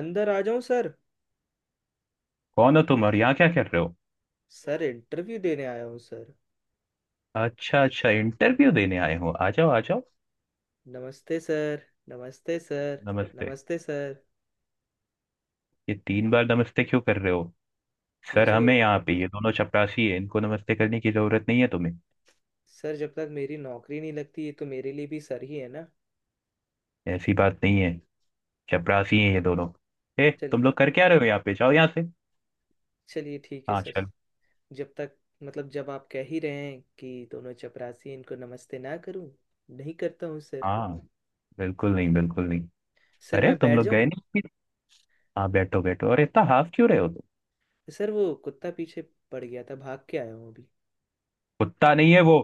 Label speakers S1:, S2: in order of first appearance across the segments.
S1: अंदर आ जाऊं सर।
S2: कौन हो तुम और यहाँ क्या कर रहे हो?
S1: सर, इंटरव्यू देने आया हूँ सर।
S2: अच्छा अच्छा इंटरव्यू देने आए हो, आ जाओ आ जाओ।
S1: नमस्ते सर। नमस्ते सर।
S2: नमस्ते।
S1: नमस्ते सर।
S2: ये तीन बार नमस्ते क्यों कर रहे हो?
S1: ये
S2: सर
S1: जो,
S2: हमें यहाँ पे ये दोनों चपरासी है, इनको नमस्ते करने की जरूरत नहीं है तुम्हें।
S1: सर जब तक मेरी नौकरी नहीं लगती, ये तो मेरे लिए भी सर ही है ना।
S2: ऐसी बात नहीं है। चपरासी हैं ये दोनों। ए
S1: चल,
S2: तुम लोग कर क्या रहे हो यहाँ पे, जाओ यहाँ से।
S1: चलिए ठीक है
S2: हाँ
S1: सर।
S2: चलो।
S1: जब तक, मतलब जब आप कह ही रहे हैं कि दोनों चपरासी इनको नमस्ते ना करूं, नहीं करता हूँ सर।
S2: हाँ, बिल्कुल नहीं बिल्कुल नहीं।
S1: सर
S2: अरे
S1: मैं
S2: तुम
S1: बैठ
S2: लोग
S1: जाऊं।
S2: गए नहीं? हाँ बैठो बैठो, अरे इतना हाफ क्यों रहे हो तुम?
S1: सर वो कुत्ता पीछे पड़ गया था, भाग के आया हूँ अभी।
S2: कुत्ता नहीं है वो।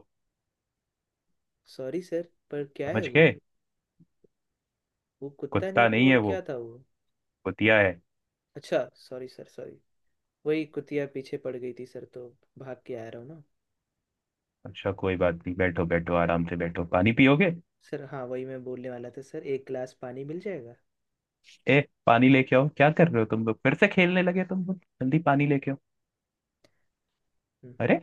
S1: सॉरी सर, पर क्या है
S2: समझ
S1: वो?
S2: गए?
S1: वो कुत्ता
S2: कुत्ता
S1: नहीं तो
S2: नहीं है
S1: और
S2: वो,
S1: क्या था वो?
S2: कुतिया है।
S1: अच्छा, सॉरी सर सॉरी। वही कुतिया पीछे पड़ गई थी सर, तो भाग के आ रहा हूँ ना।
S2: अच्छा कोई बात नहीं, बैठो बैठो, आराम से बैठो। पानी पियोगे?
S1: सर हाँ, वही मैं बोलने वाला था सर, एक गिलास पानी मिल जाएगा।
S2: ए, पानी लेके आओ, क्या कर रहे हो तुम लोग, फिर से खेलने लगे तुम लोग, जल्दी पानी लेके आओ।
S1: हम्म हम्म।
S2: अरे,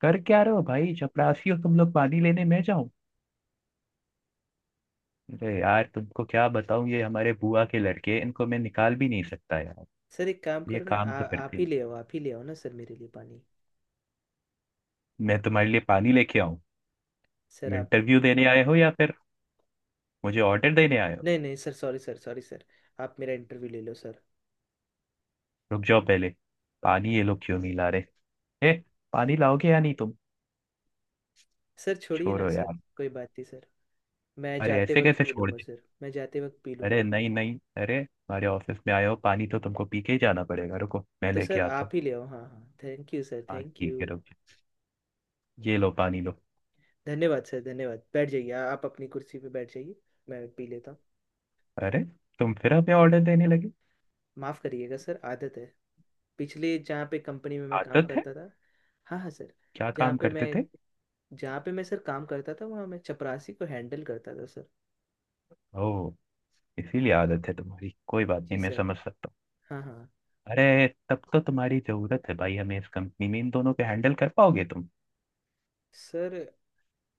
S2: कर क्या रहे हो भाई, चपरासी हो तुम लोग, पानी लेने मैं जाऊं? अरे यार तुमको क्या बताऊं, ये हमारे बुआ के लड़के हैं, इनको मैं निकाल भी नहीं सकता यार।
S1: सर एक काम
S2: ये
S1: करो ना,
S2: काम तो करते
S1: आप ही
S2: हैं,
S1: ले आओ, आप ही ले आओ ना सर मेरे लिए पानी।
S2: मैं तुम्हारे लिए पानी लेके आऊं?
S1: सर आप।
S2: इंटरव्यू देने आए हो या फिर मुझे ऑर्डर देने आए हो?
S1: नहीं नहीं sir, sorry sir sorry sir. आप मेरा इंटरव्यू ले लो सर।
S2: रुक जाओ पहले। पानी ये लोग क्यों नहीं ला रहे? ए, पानी लाओगे या नहीं तुम?
S1: सर छोड़िए ना
S2: छोड़ो
S1: सर,
S2: यार।
S1: कोई बात नहीं सर। मैं
S2: अरे
S1: जाते
S2: ऐसे
S1: वक्त
S2: कैसे
S1: पी
S2: छोड़
S1: लूँगा
S2: दे,
S1: सर, मैं जाते वक्त पी
S2: अरे
S1: लूँगा।
S2: नहीं नहीं, अरे हमारे ऑफिस में आए हो, पानी तो तुमको पी के ही जाना पड़ेगा, रुको मैं
S1: तो
S2: लेके
S1: सर
S2: आता
S1: आप
S2: हूँ।
S1: ही ले आओ। हाँ हाँ, थैंक यू सर,
S2: हाँ
S1: थैंक
S2: ठीक
S1: यू।
S2: है रुको। ये लो, पानी लो।
S1: धन्यवाद सर धन्यवाद। बैठ जाइए, आप अपनी कुर्सी पे बैठ जाइए। मैं पी लेता हूँ।
S2: अरे तुम फिर हमें ऑर्डर देने लगे।
S1: माफ करिएगा सर, आदत है। पिछले जहाँ पे कंपनी में मैं काम
S2: आदत है?
S1: करता था। हाँ हाँ सर।
S2: क्या काम
S1: जहाँ पे
S2: करते
S1: मैं
S2: थे?
S1: जहाँ पे मैं सर काम करता था, वहाँ मैं चपरासी को हैंडल करता था सर।
S2: ओह, इसीलिए आदत है तुम्हारी, कोई बात नहीं,
S1: जी
S2: मैं
S1: सर।
S2: समझ सकता हूँ।
S1: हाँ हाँ
S2: अरे तब तो तुम्हारी जरूरत है भाई हमें इस कंपनी में, इन दोनों को हैंडल कर पाओगे तुम?
S1: सर।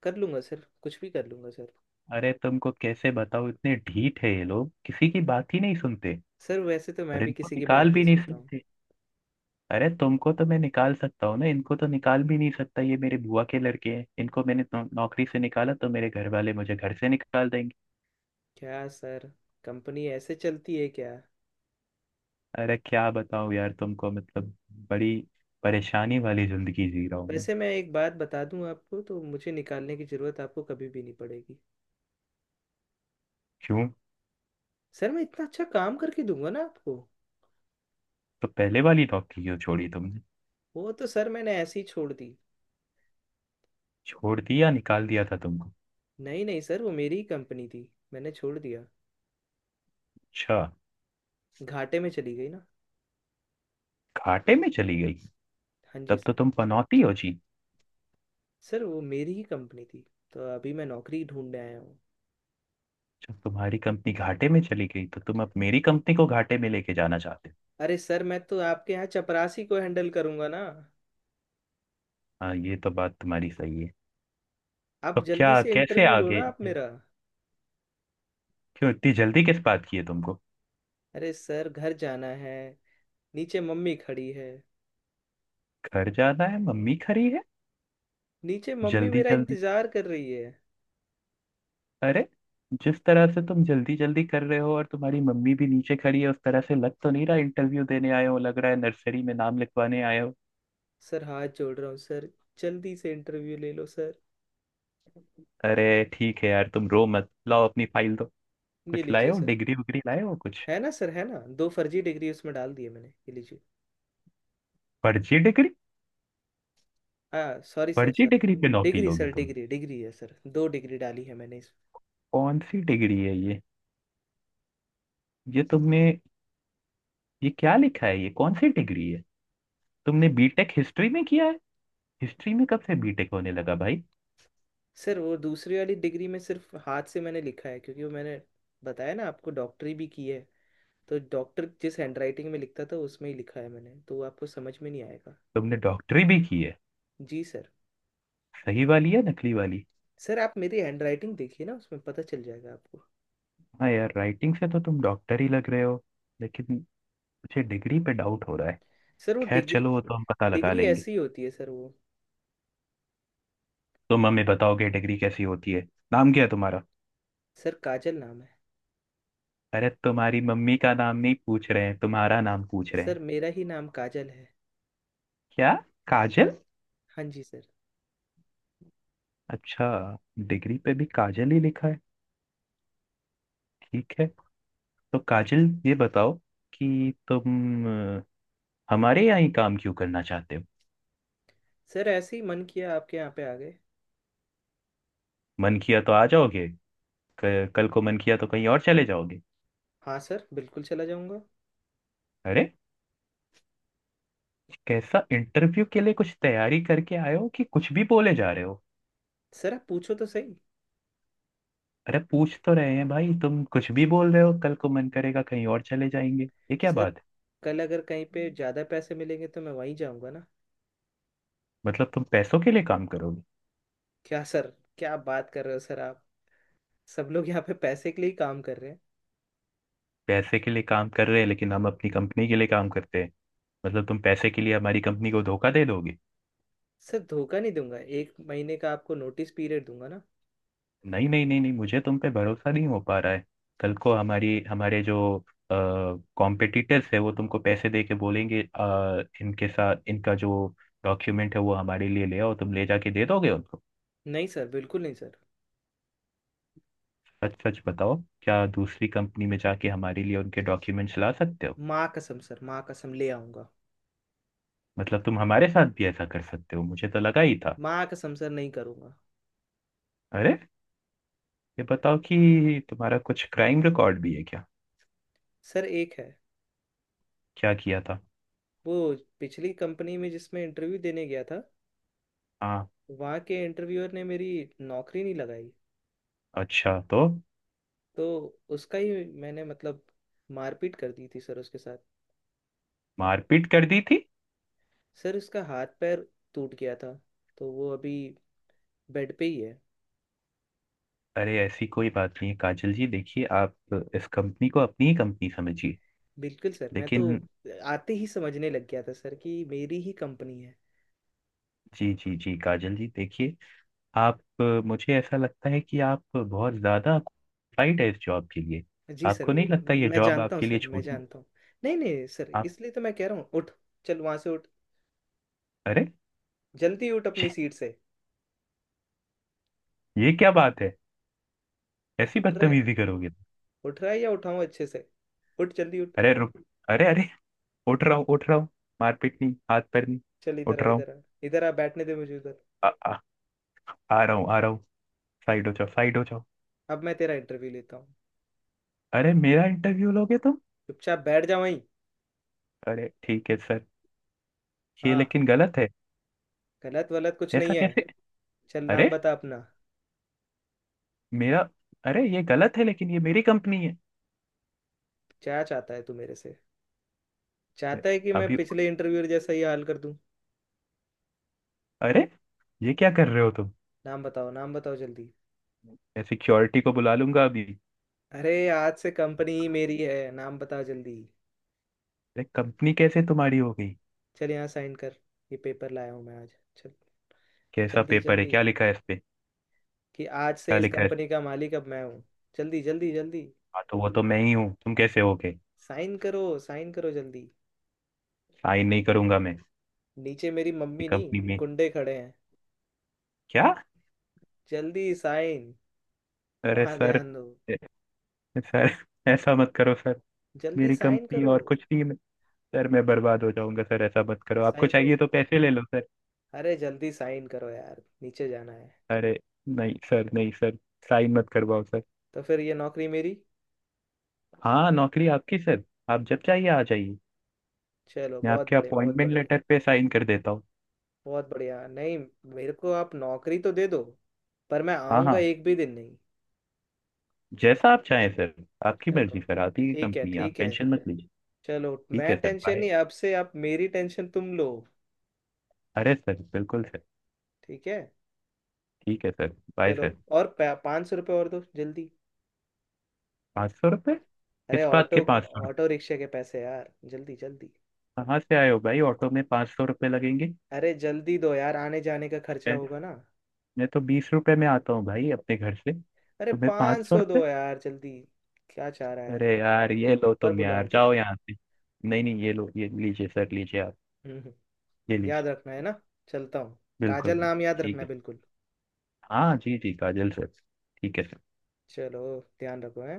S1: कर लूँगा सर, कुछ भी कर लूँगा सर।
S2: अरे तुमको कैसे बताओ, इतने ढीठ है ये लोग, किसी की बात ही नहीं सुनते।
S1: सर वैसे तो मैं
S2: और
S1: भी
S2: इनको
S1: किसी की
S2: निकाल
S1: बात नहीं
S2: भी नहीं
S1: सुनता हूँ।
S2: सकते। अरे तुमको तो मैं निकाल सकता हूँ ना, इनको तो निकाल भी नहीं सकता, ये मेरे बुआ के लड़के हैं, इनको मैंने नौकरी से निकाला तो मेरे घर वाले मुझे घर से निकाल देंगे।
S1: क्या सर, कंपनी ऐसे चलती है क्या?
S2: अरे क्या बताऊँ यार तुमको, मतलब बड़ी परेशानी वाली जिंदगी जी रहा हूँ मैं।
S1: वैसे मैं एक बात बता दूँ आपको, तो मुझे निकालने की ज़रूरत आपको कभी भी नहीं पड़ेगी।
S2: क्यों?
S1: सर मैं इतना अच्छा काम करके दूंगा ना आपको।
S2: तो पहले वाली नौकरी क्यों छोड़ी तुमने?
S1: वो तो सर मैंने ऐसे ही छोड़ दी।
S2: छोड़ दी या निकाल दिया था तुमको?
S1: नहीं नहीं सर, वो मेरी ही कंपनी थी। मैंने छोड़ दिया।
S2: अच्छा।
S1: घाटे में चली गई ना।
S2: घाटे में चली गई?
S1: हाँ जी
S2: तब तो
S1: सर।
S2: तुम पनौती हो जी।
S1: सर वो मेरी ही कंपनी थी, तो अभी मैं नौकरी ढूंढने आया हूँ।
S2: जब तुम्हारी कंपनी घाटे में चली गई तो तुम अब मेरी कंपनी को घाटे में लेके जाना चाहते हो?
S1: अरे सर, मैं तो आपके यहाँ चपरासी को हैंडल करूँगा ना।
S2: हाँ ये तो बात तुम्हारी सही है।
S1: आप
S2: तो
S1: जल्दी
S2: क्या
S1: से
S2: कैसे
S1: इंटरव्यू लो
S2: आगे,
S1: ना आप मेरा।
S2: क्यों इतनी जल्दी किस बात की है तुमको?
S1: अरे सर, घर जाना है। नीचे मम्मी खड़ी है।
S2: घर जाना है, मम्मी खड़ी है?
S1: नीचे मम्मी
S2: जल्दी
S1: मेरा
S2: जल्दी,
S1: इंतजार कर रही है।
S2: अरे जिस तरह से तुम जल्दी जल्दी कर रहे हो और तुम्हारी मम्मी भी नीचे खड़ी है, उस तरह से लग तो नहीं रहा इंटरव्यू देने आए हो, लग रहा है नर्सरी में नाम लिखवाने आए हो।
S1: सर हाथ जोड़ रहा हूँ सर, जल्दी से इंटरव्यू ले लो सर।
S2: अरे ठीक है यार, तुम रो मत, लाओ अपनी फाइल दो,
S1: ये
S2: कुछ लाए
S1: लीजिए
S2: हो,
S1: सर।
S2: डिग्री उग्री लाए हो कुछ?
S1: है ना सर, है ना, दो फर्जी डिग्री उसमें डाल दिए मैंने, ये लीजिए।
S2: फर्जी डिग्री?
S1: हाँ सॉरी सर
S2: फर्जी
S1: सॉरी।
S2: डिग्री पे नौकरी
S1: डिग्री
S2: लोगे
S1: सर,
S2: तुम?
S1: डिग्री डिग्री है सर, दो डिग्री डाली है मैंने इस।
S2: कौन सी डिग्री है ये तुमने, ये क्या लिखा है, ये कौन सी डिग्री है? तुमने बीटेक हिस्ट्री में किया है? हिस्ट्री में कब से बीटेक होने लगा भाई?
S1: सर वो दूसरी वाली डिग्री में सिर्फ हाथ से मैंने लिखा है, क्योंकि वो मैंने बताया ना आपको, डॉक्टरी भी की है। तो डॉक्टर जिस हैंडराइटिंग में लिखता था उसमें ही लिखा है मैंने, तो वो आपको समझ में नहीं आएगा।
S2: तुमने डॉक्टरी भी की है?
S1: जी सर।
S2: सही वाली या नकली वाली?
S1: सर आप मेरी हैंडराइटिंग देखिए ना, उसमें पता चल जाएगा आपको।
S2: हाँ यार, राइटिंग से तो तुम डॉक्टर ही लग रहे हो, लेकिन मुझे डिग्री पे डाउट हो रहा है।
S1: सर वो
S2: खैर
S1: डिग्री,
S2: चलो, वो तो हम पता लगा
S1: डिग्री
S2: लेंगे।
S1: ऐसी होती है सर वो।
S2: तुम हमें बताओगे डिग्री कैसी होती है? नाम क्या है तुम्हारा?
S1: सर काजल नाम है।
S2: अरे तुम्हारी मम्मी का नाम नहीं पूछ रहे हैं, तुम्हारा नाम पूछ रहे
S1: सर
S2: हैं।
S1: मेरा ही नाम काजल है।
S2: क्या, काजल?
S1: हाँ जी सर।
S2: अच्छा, डिग्री पे भी काजल ही लिखा है। ठीक है। तो काजल ये बताओ कि तुम हमारे यहाँ ही काम क्यों करना चाहते हो?
S1: सर ऐसे ही मन किया, आपके यहाँ पे आ गए।
S2: मन किया तो आ जाओगे, कल को मन किया तो कहीं और चले जाओगे?
S1: हाँ सर, बिल्कुल चला जाऊँगा।
S2: अरे कैसा, इंटरव्यू के लिए कुछ तैयारी करके आए हो कि कुछ भी बोले जा रहे हो?
S1: सर आप पूछो तो सही।
S2: अरे पूछ तो रहे हैं भाई, तुम कुछ भी बोल रहे हो, कल को मन करेगा कहीं और चले जाएंगे, ये क्या
S1: सर
S2: बात है?
S1: कल अगर कहीं पे ज्यादा पैसे मिलेंगे, तो मैं वहीं जाऊंगा ना।
S2: मतलब तुम पैसों के लिए काम करोगे?
S1: क्या सर, क्या बात कर रहे हो सर आप। सब लोग यहाँ पे पैसे के लिए ही काम कर रहे हैं।
S2: पैसे के लिए काम कर रहे हैं लेकिन हम अपनी कंपनी के लिए काम करते हैं, मतलब तुम पैसे के लिए हमारी कंपनी को धोखा दे दोगे?
S1: सर धोखा नहीं दूंगा, एक महीने का आपको नोटिस पीरियड दूंगा ना।
S2: नहीं नहीं नहीं नहीं, मुझे तुम पे भरोसा नहीं हो पा रहा है। कल को हमारी हमारे जो कॉम्पिटिटर्स है वो तुमको पैसे दे के बोलेंगे इनके साथ इनका जो डॉक्यूमेंट है वो हमारे लिए ले आओ, तुम ले जाके दे दोगे उनको?
S1: नहीं सर, बिल्कुल नहीं सर।
S2: सच सच बताओ, क्या दूसरी कंपनी में जाके हमारे लिए उनके डॉक्यूमेंट्स ला सकते हो?
S1: माँ कसम सर, माँ कसम ले आऊंगा।
S2: मतलब तुम हमारे साथ भी ऐसा कर सकते हो, मुझे तो लगा ही था।
S1: माँ कसम सर, नहीं करूंगा।
S2: अरे ये बताओ कि तुम्हारा कुछ क्राइम रिकॉर्ड भी है क्या?
S1: सर एक है।
S2: क्या किया था?
S1: वो पिछली कंपनी में जिसमें इंटरव्यू देने गया था,
S2: हाँ।
S1: वहाँ के इंटरव्यूअर ने मेरी नौकरी नहीं लगाई।
S2: अच्छा तो?
S1: तो उसका ही मैंने, मतलब, मारपीट कर दी थी सर उसके साथ।
S2: मारपीट कर दी थी?
S1: सर उसका हाथ पैर टूट गया था, तो वो अभी बेड पे ही है।
S2: अरे ऐसी कोई बात नहीं है काजल जी, देखिए आप इस कंपनी को अपनी ही कंपनी समझिए।
S1: बिल्कुल सर, मैं तो
S2: लेकिन,
S1: आते ही समझने लग गया था सर कि मेरी ही कंपनी है।
S2: जी जी जी काजल जी, देखिए आप, मुझे ऐसा लगता है कि आप बहुत ज़्यादा क्वालिफाइड है इस जॉब के लिए,
S1: जी सर
S2: आपको नहीं
S1: वो।
S2: लगता ये
S1: मैं
S2: जॉब
S1: जानता हूँ
S2: आपके लिए
S1: सर, मैं
S2: छोटी?
S1: जानता हूँ। नहीं नहीं सर,
S2: आप,
S1: इसलिए तो मैं कह रहा हूँ। उठ, चल वहां से उठ।
S2: अरे
S1: जल्दी उठ अपनी सीट से।
S2: ये क्या बात है? ऐसी
S1: उठ रहा है?
S2: बदतमीजी करोगे तो?
S1: उठ रहा है या उठाऊं अच्छे से? उठ, जल्दी उठ।
S2: अरे रुक, अरे अरे, उठ रहा हूँ उठ रहा हूँ, मारपीट नहीं, हाथ पैर नहीं,
S1: चल इधर
S2: उठ
S1: आ,
S2: रहा हूँ।
S1: इधर आ। इधर आ, बैठने दे मुझे उधर।
S2: आ, आ, आ रहा हूँ आ रहा हूँ, साइड हो जाओ साइड हो जाओ।
S1: अब मैं तेरा इंटरव्यू लेता हूँ।
S2: अरे मेरा इंटरव्यू लोगे तुम?
S1: चुपचाप बैठ जा वहीं।
S2: अरे ठीक है सर। ये
S1: हाँ।
S2: लेकिन गलत है,
S1: गलत वलत कुछ
S2: ऐसा
S1: नहीं है।
S2: कैसे?
S1: चल
S2: अरे
S1: नाम बता अपना।
S2: मेरा, अरे ये गलत है लेकिन ये मेरी कंपनी है।
S1: क्या चाहता है तू मेरे से? चाहता है कि मैं
S2: अभी,
S1: पिछले इंटरव्यू जैसा ही हाल कर दूं?
S2: अरे ये क्या कर रहे हो तुम?
S1: नाम बताओ, नाम बताओ जल्दी।
S2: मैं सिक्योरिटी को बुला लूंगा अभी।
S1: अरे आज से कंपनी ही मेरी है, नाम बताओ जल्दी।
S2: अरे कंपनी कैसे तुम्हारी हो गई?
S1: चल यहाँ साइन कर। ये पेपर लाया हूँ मैं आज। चल
S2: कैसा
S1: जल्दी
S2: पेपर है,
S1: जल्दी।
S2: क्या लिखा है इस पे?
S1: कि आज से
S2: क्या
S1: इस
S2: लिखा है इस पे?
S1: कंपनी का मालिक अब मैं हूँ। जल्दी जल्दी जल्दी।
S2: हाँ तो वो तो मैं ही हूँ, तुम कैसे हो गए?
S1: साइन करो, साइन करो जल्दी।
S2: साइन नहीं करूंगा मैं।
S1: नीचे मेरी
S2: ये
S1: मम्मी
S2: कंपनी
S1: नहीं,
S2: में,
S1: गुंडे खड़े हैं।
S2: क्या?
S1: जल्दी साइन।
S2: अरे
S1: वहां
S2: सर,
S1: ध्यान दो।
S2: ए- सर, ऐसा मत करो सर,
S1: जल्दी
S2: मेरी
S1: साइन
S2: कंपनी
S1: करो।
S2: और कुछ नहीं है सर, मैं बर्बाद हो जाऊंगा सर, ऐसा मत करो, आपको
S1: साइन करो।
S2: चाहिए तो पैसे ले लो सर।
S1: अरे जल्दी साइन करो यार, नीचे जाना है।
S2: अरे नहीं सर नहीं सर, साइन मत करवाओ सर।
S1: तो फिर ये नौकरी मेरी?
S2: हाँ नौकरी आपकी सर, आप जब चाहिए आ जाइए।
S1: चलो
S2: मैं
S1: बहुत
S2: आपके
S1: बढ़िया, बहुत
S2: अपॉइंटमेंट
S1: बढ़िया।
S2: लेटर पे साइन कर देता हूँ।
S1: बहुत बढ़िया नहीं। मेरे को आप नौकरी तो दे दो, पर मैं
S2: हाँ
S1: आऊंगा
S2: हाँ,
S1: एक भी दिन नहीं।
S2: जैसा आप चाहें सर, आपकी
S1: चलो
S2: मर्जी सर, आती है
S1: ठीक है,
S2: कंपनी आप,
S1: ठीक है।
S2: टेंशन मत लीजिए।
S1: चलो
S2: ठीक
S1: मैं
S2: है सर,
S1: टेंशन
S2: बाय।
S1: नहीं, अब से आप मेरी टेंशन तुम लो।
S2: अरे सर बिल्कुल सर।
S1: ठीक है।
S2: ठीक है सर। बाय
S1: चलो,
S2: सर।
S1: और 500 रुपये और दो जल्दी।
S2: ₹500,
S1: अरे
S2: किस बात के
S1: ऑटो,
S2: ₹500?
S1: ऑटो रिक्शा के पैसे यार, जल्दी जल्दी।
S2: कहाँ से आए हो भाई, ऑटो में ₹500 लगेंगे?
S1: अरे जल्दी दो यार, आने जाने का खर्चा
S2: मैं,
S1: होगा ना।
S2: तो ₹20 में आता हूँ भाई अपने घर से,
S1: अरे
S2: तुम्हें पाँच
S1: पाँच
S2: सौ
S1: सौ दो यार जल्दी। क्या चाह रहा है?
S2: अरे यार ये लो
S1: पर
S2: तुम, यार
S1: बुलाऊं
S2: जाओ
S1: क्या?
S2: यहाँ से। नहीं नहीं ये लो, ये लीजिए सर, लीजिए आप,
S1: हम्म हम्म,
S2: ये लीजिए।
S1: याद रखना है ना। चलता हूँ।
S2: बिल्कुल
S1: काजल
S2: बिल्कुल।
S1: नाम याद
S2: ठीक
S1: रखना,
S2: है।
S1: बिल्कुल।
S2: हाँ जी जी काजल सर, ठीक है सर।
S1: चलो, ध्यान रखो है।